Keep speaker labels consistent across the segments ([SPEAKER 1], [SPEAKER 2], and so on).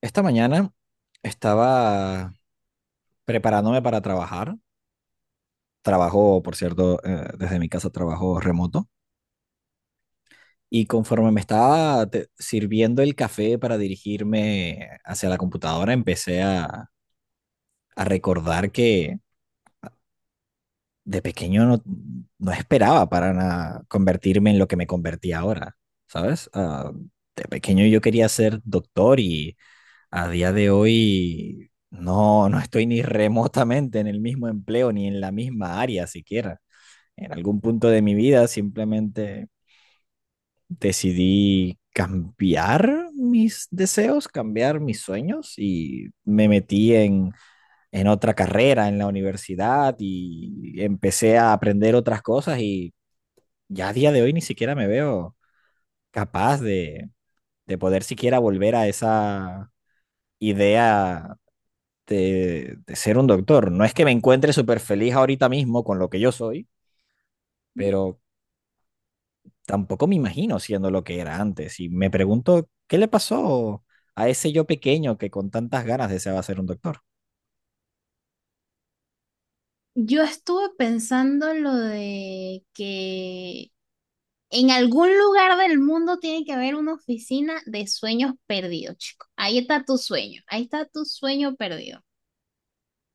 [SPEAKER 1] Esta mañana estaba preparándome para trabajar. Trabajo, por cierto, desde mi casa, trabajo remoto. Y conforme me estaba sirviendo el café para dirigirme hacia la computadora, empecé a recordar que de pequeño no esperaba para nada convertirme en lo que me convertí ahora, ¿sabes? De pequeño yo quería ser doctor. Y a día de hoy no estoy ni remotamente en el mismo empleo ni en la misma área siquiera. En algún punto de mi vida simplemente decidí cambiar mis deseos, cambiar mis sueños y me metí en otra carrera en la universidad y empecé a aprender otras cosas. Y ya a día de hoy ni siquiera me veo capaz de poder siquiera volver a esa idea de ser un doctor. No es que me encuentre súper feliz ahorita mismo con lo que yo soy, pero tampoco me imagino siendo lo que era antes. Y me pregunto, ¿qué le pasó a ese yo pequeño que con tantas ganas deseaba ser un doctor?
[SPEAKER 2] Yo estuve pensando lo de que en algún lugar del mundo tiene que haber una oficina de sueños perdidos, chico. Ahí está tu sueño, ahí está tu sueño perdido.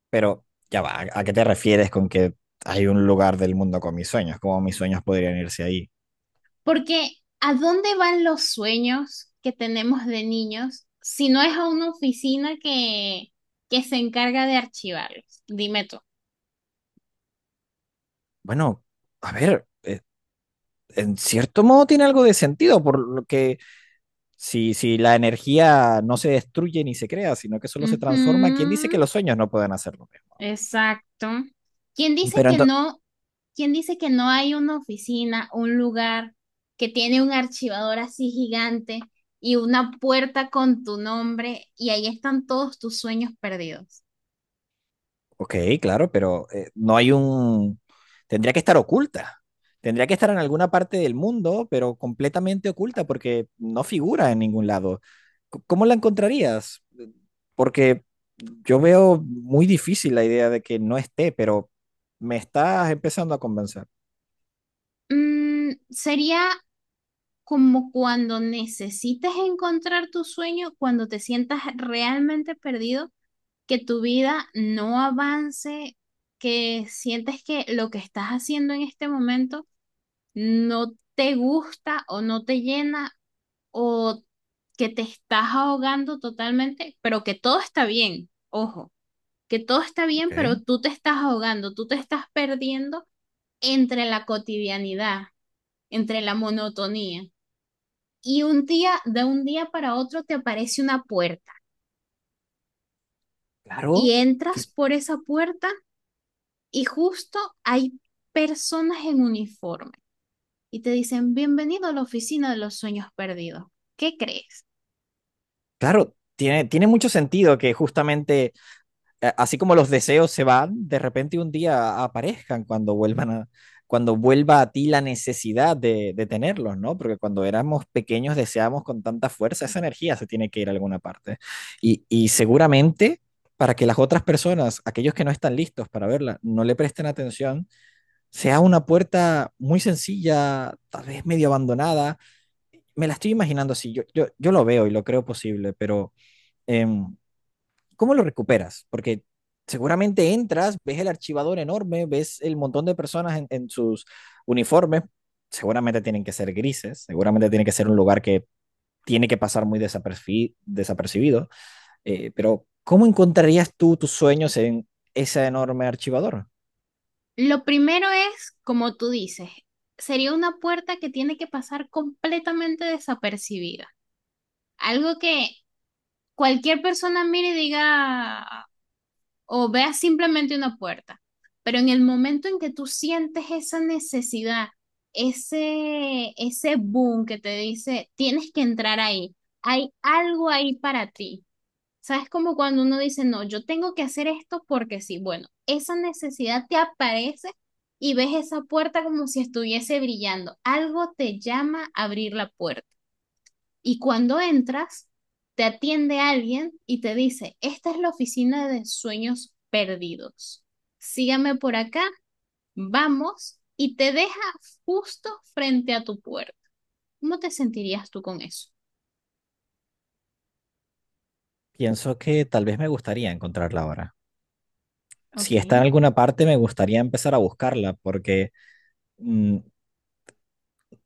[SPEAKER 1] Pero ya va, ¿a qué te refieres con que hay un lugar del mundo con mis sueños? ¿Cómo mis sueños podrían irse ahí?
[SPEAKER 2] Porque ¿a dónde van los sueños que tenemos de niños si no es a una oficina que se encarga de archivarlos? Dime tú.
[SPEAKER 1] Bueno, a ver, en cierto modo tiene algo de sentido, por lo que... Si la energía no se destruye ni se crea, sino que solo se
[SPEAKER 2] Ujú.
[SPEAKER 1] transforma, ¿quién dice que los sueños no pueden hacer lo mismo?
[SPEAKER 2] Exacto. ¿Quién dice
[SPEAKER 1] Pero
[SPEAKER 2] que
[SPEAKER 1] entonces,
[SPEAKER 2] no? ¿Quién dice que no hay una oficina, un lugar que tiene un archivador así gigante y una puerta con tu nombre y ahí están todos tus sueños perdidos?
[SPEAKER 1] ok, claro, pero no hay un... Tendría que estar oculta. Tendría que estar en alguna parte del mundo, pero completamente oculta porque no figura en ningún lado. ¿Cómo la encontrarías? Porque yo veo muy difícil la idea de que no esté, pero me estás empezando a convencer.
[SPEAKER 2] Mm, sería como cuando necesites encontrar tu sueño, cuando te sientas realmente perdido, que tu vida no avance, que sientes que lo que estás haciendo en este momento no te gusta o no te llena o que te estás ahogando totalmente, pero que todo está bien, ojo, que todo está bien, pero
[SPEAKER 1] Ok.
[SPEAKER 2] tú te estás ahogando, tú te estás perdiendo entre la cotidianidad, entre la monotonía. Y un día, de un día para otro, te aparece una puerta
[SPEAKER 1] Claro.
[SPEAKER 2] y entras
[SPEAKER 1] Sí.
[SPEAKER 2] por esa puerta y justo hay personas en uniforme y te dicen, bienvenido a la oficina de los sueños perdidos. ¿Qué crees?
[SPEAKER 1] Claro, tiene, tiene mucho sentido que justamente, así como los deseos se van, de repente un día aparezcan cuando vuelvan cuando vuelva a ti la necesidad de tenerlos, ¿no? Porque cuando éramos pequeños deseábamos con tanta fuerza, esa energía se tiene que ir a alguna parte. Y seguramente, para que las otras personas, aquellos que no están listos para verla, no le presten atención, sea una puerta muy sencilla, tal vez medio abandonada. Me la estoy imaginando así, yo lo veo y lo creo posible, pero eh, ¿cómo lo recuperas? Porque seguramente entras, ves el archivador enorme, ves el montón de personas en sus uniformes, seguramente tienen que ser grises, seguramente tiene que ser un lugar que tiene que pasar muy desapercibido, pero ¿cómo encontrarías tú tus sueños en ese enorme archivador?
[SPEAKER 2] Lo primero es, como tú dices, sería una puerta que tiene que pasar completamente desapercibida. Algo que cualquier persona mire y diga o vea simplemente una puerta. Pero en el momento en que tú sientes esa necesidad, ese boom que te dice, tienes que entrar ahí, hay algo ahí para ti. ¿Sabes? Como cuando uno dice, no, yo tengo que hacer esto porque sí. Bueno, esa necesidad te aparece y ves esa puerta como si estuviese brillando. Algo te llama a abrir la puerta. Y cuando entras, te atiende alguien y te dice, esta es la oficina de sueños perdidos. Sígame por acá, vamos, y te deja justo frente a tu puerta. ¿Cómo te sentirías tú con eso?
[SPEAKER 1] Pienso que tal vez me gustaría encontrarla ahora.
[SPEAKER 2] Ok.
[SPEAKER 1] Si está en alguna parte, me gustaría empezar a buscarla, porque mm,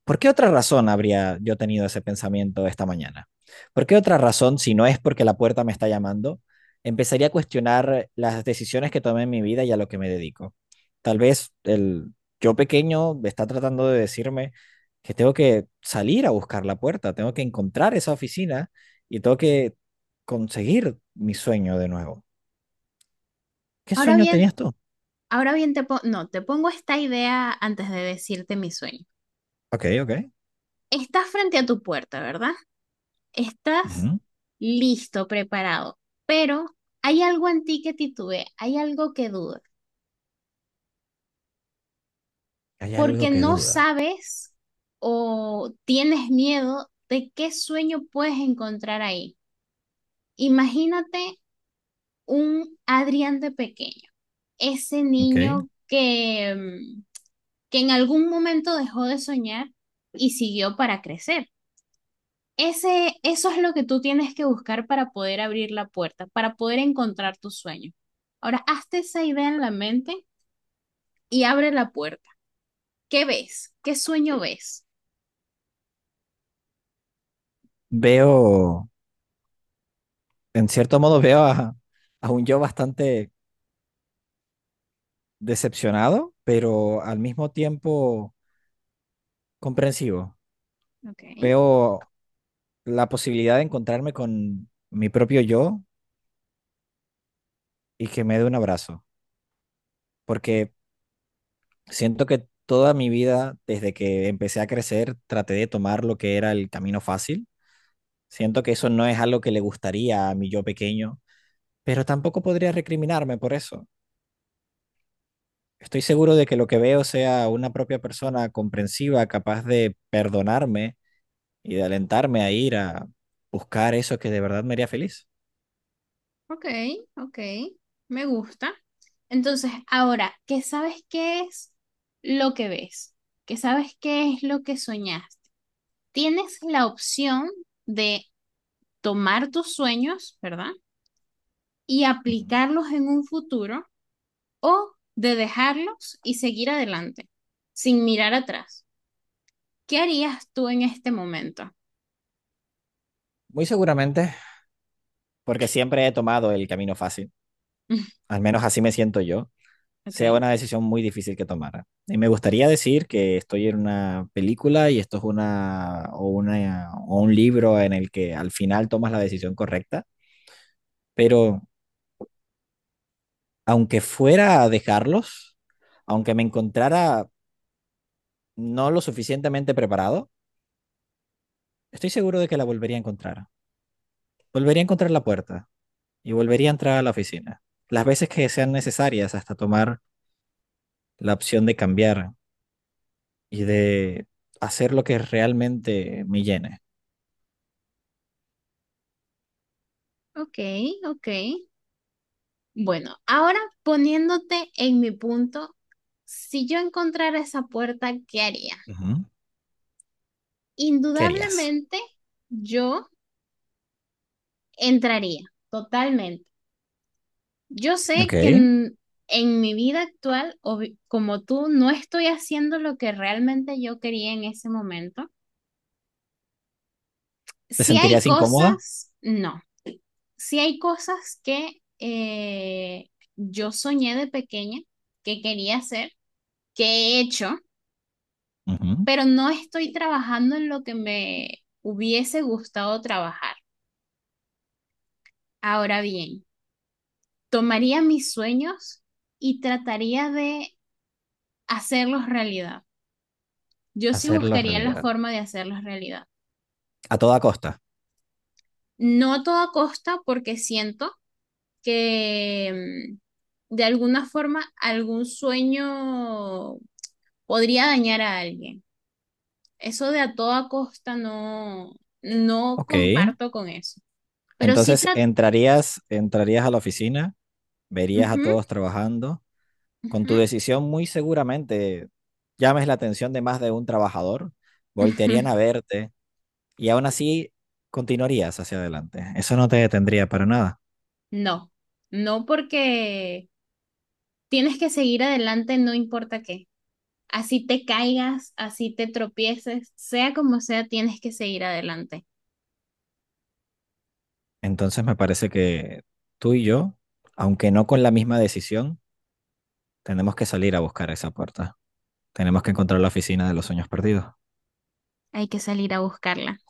[SPEAKER 1] ¿por qué otra razón habría yo tenido ese pensamiento esta mañana? ¿Por qué otra razón, si no es porque la puerta me está llamando, empezaría a cuestionar las decisiones que tomé en mi vida y a lo que me dedico? Tal vez el yo pequeño está tratando de decirme que tengo que salir a buscar la puerta, tengo que encontrar esa oficina y tengo que conseguir mi sueño de nuevo. ¿Qué
[SPEAKER 2] Ahora
[SPEAKER 1] sueño
[SPEAKER 2] bien,
[SPEAKER 1] tenías tú?
[SPEAKER 2] No, te pongo esta idea antes de decirte mi sueño.
[SPEAKER 1] Ok, ok.
[SPEAKER 2] Estás frente a tu puerta, ¿verdad? Estás
[SPEAKER 1] Ujú.
[SPEAKER 2] listo, preparado, pero hay algo en ti que titubea, hay algo que duda,
[SPEAKER 1] Hay algo
[SPEAKER 2] porque
[SPEAKER 1] que
[SPEAKER 2] no
[SPEAKER 1] duda.
[SPEAKER 2] sabes o tienes miedo de qué sueño puedes encontrar ahí. Imagínate un Adrián de pequeño, ese
[SPEAKER 1] Ok.
[SPEAKER 2] niño que que en algún momento dejó de soñar y siguió para crecer. Ese, eso es lo que tú tienes que buscar para poder abrir la puerta, para poder encontrar tu sueño. Ahora, hazte esa idea en la mente y abre la puerta. ¿Qué ves? ¿Qué sueño ves?
[SPEAKER 1] Veo... en cierto modo veo a un yo bastante decepcionado, pero al mismo tiempo comprensivo.
[SPEAKER 2] Ok,
[SPEAKER 1] Veo la posibilidad de encontrarme con mi propio yo y que me dé un abrazo, porque siento que toda mi vida, desde que empecé a crecer, traté de tomar lo que era el camino fácil. Siento que eso no es algo que le gustaría a mi yo pequeño, pero tampoco podría recriminarme por eso. Estoy seguro de que lo que veo sea una propia persona comprensiva, capaz de perdonarme y de alentarme a ir a buscar eso que de verdad me haría feliz.
[SPEAKER 2] ok, ok, me gusta. Entonces, ahora, ¿qué sabes qué es lo que ves? ¿Qué sabes qué es lo que soñaste? Tienes la opción de tomar tus sueños, ¿verdad? Y
[SPEAKER 1] Ujú.
[SPEAKER 2] aplicarlos en un futuro o de dejarlos y seguir adelante, sin mirar atrás. ¿Qué harías tú en este momento?
[SPEAKER 1] Muy seguramente, porque siempre he tomado el camino fácil, al menos así me siento yo,
[SPEAKER 2] Ok,
[SPEAKER 1] sea una decisión muy difícil que tomara. Y me gustaría decir que estoy en una película y esto es una o un libro en el que al final tomas la decisión correcta, pero aunque fuera a dejarlos, aunque me encontrara no lo suficientemente preparado, estoy seguro de que la volvería a encontrar. Volvería a encontrar la puerta, y volvería a entrar a la oficina. Las veces que sean necesarias, hasta tomar la opción de cambiar y de hacer lo que realmente me llene.
[SPEAKER 2] ok, ok. Bueno, ahora poniéndote en mi punto, si yo encontrara esa puerta, ¿qué haría?
[SPEAKER 1] Ujú. ¿Qué harías?
[SPEAKER 2] Indudablemente yo entraría, totalmente. Yo
[SPEAKER 1] Ok.
[SPEAKER 2] sé que
[SPEAKER 1] ¿Te
[SPEAKER 2] en mi vida actual, como tú, no estoy haciendo lo que realmente yo quería en ese momento. Si hay
[SPEAKER 1] sentirías incómoda?
[SPEAKER 2] cosas, no. Sí hay cosas que yo soñé de pequeña que quería hacer, que he hecho,
[SPEAKER 1] Ujú.
[SPEAKER 2] pero no estoy trabajando en lo que me hubiese gustado trabajar. Ahora bien, tomaría mis sueños y trataría de hacerlos realidad. Yo sí
[SPEAKER 1] Hacerlo
[SPEAKER 2] buscaría la
[SPEAKER 1] realidad.
[SPEAKER 2] forma de hacerlos realidad.
[SPEAKER 1] A toda costa.
[SPEAKER 2] No a toda costa porque siento que de alguna forma algún sueño podría dañar a alguien. Eso de a toda costa no, no
[SPEAKER 1] Ok.
[SPEAKER 2] comparto con eso. Pero sí
[SPEAKER 1] Entonces
[SPEAKER 2] trato.
[SPEAKER 1] entrarías, entrarías a la oficina, verías a todos trabajando. Con tu decisión muy seguramente llames la atención de más de un trabajador. Voltearían a verte, y aún así continuarías hacia adelante. Eso no te detendría para nada.
[SPEAKER 2] No, no porque tienes que seguir adelante, no importa qué. Así te caigas, así te tropieces, sea como sea, tienes que seguir adelante.
[SPEAKER 1] Entonces me parece que tú y yo, aunque no con la misma decisión, tenemos que salir a buscar esa puerta. Tenemos que encontrar la oficina de los sueños perdidos.
[SPEAKER 2] Hay que salir a buscarla.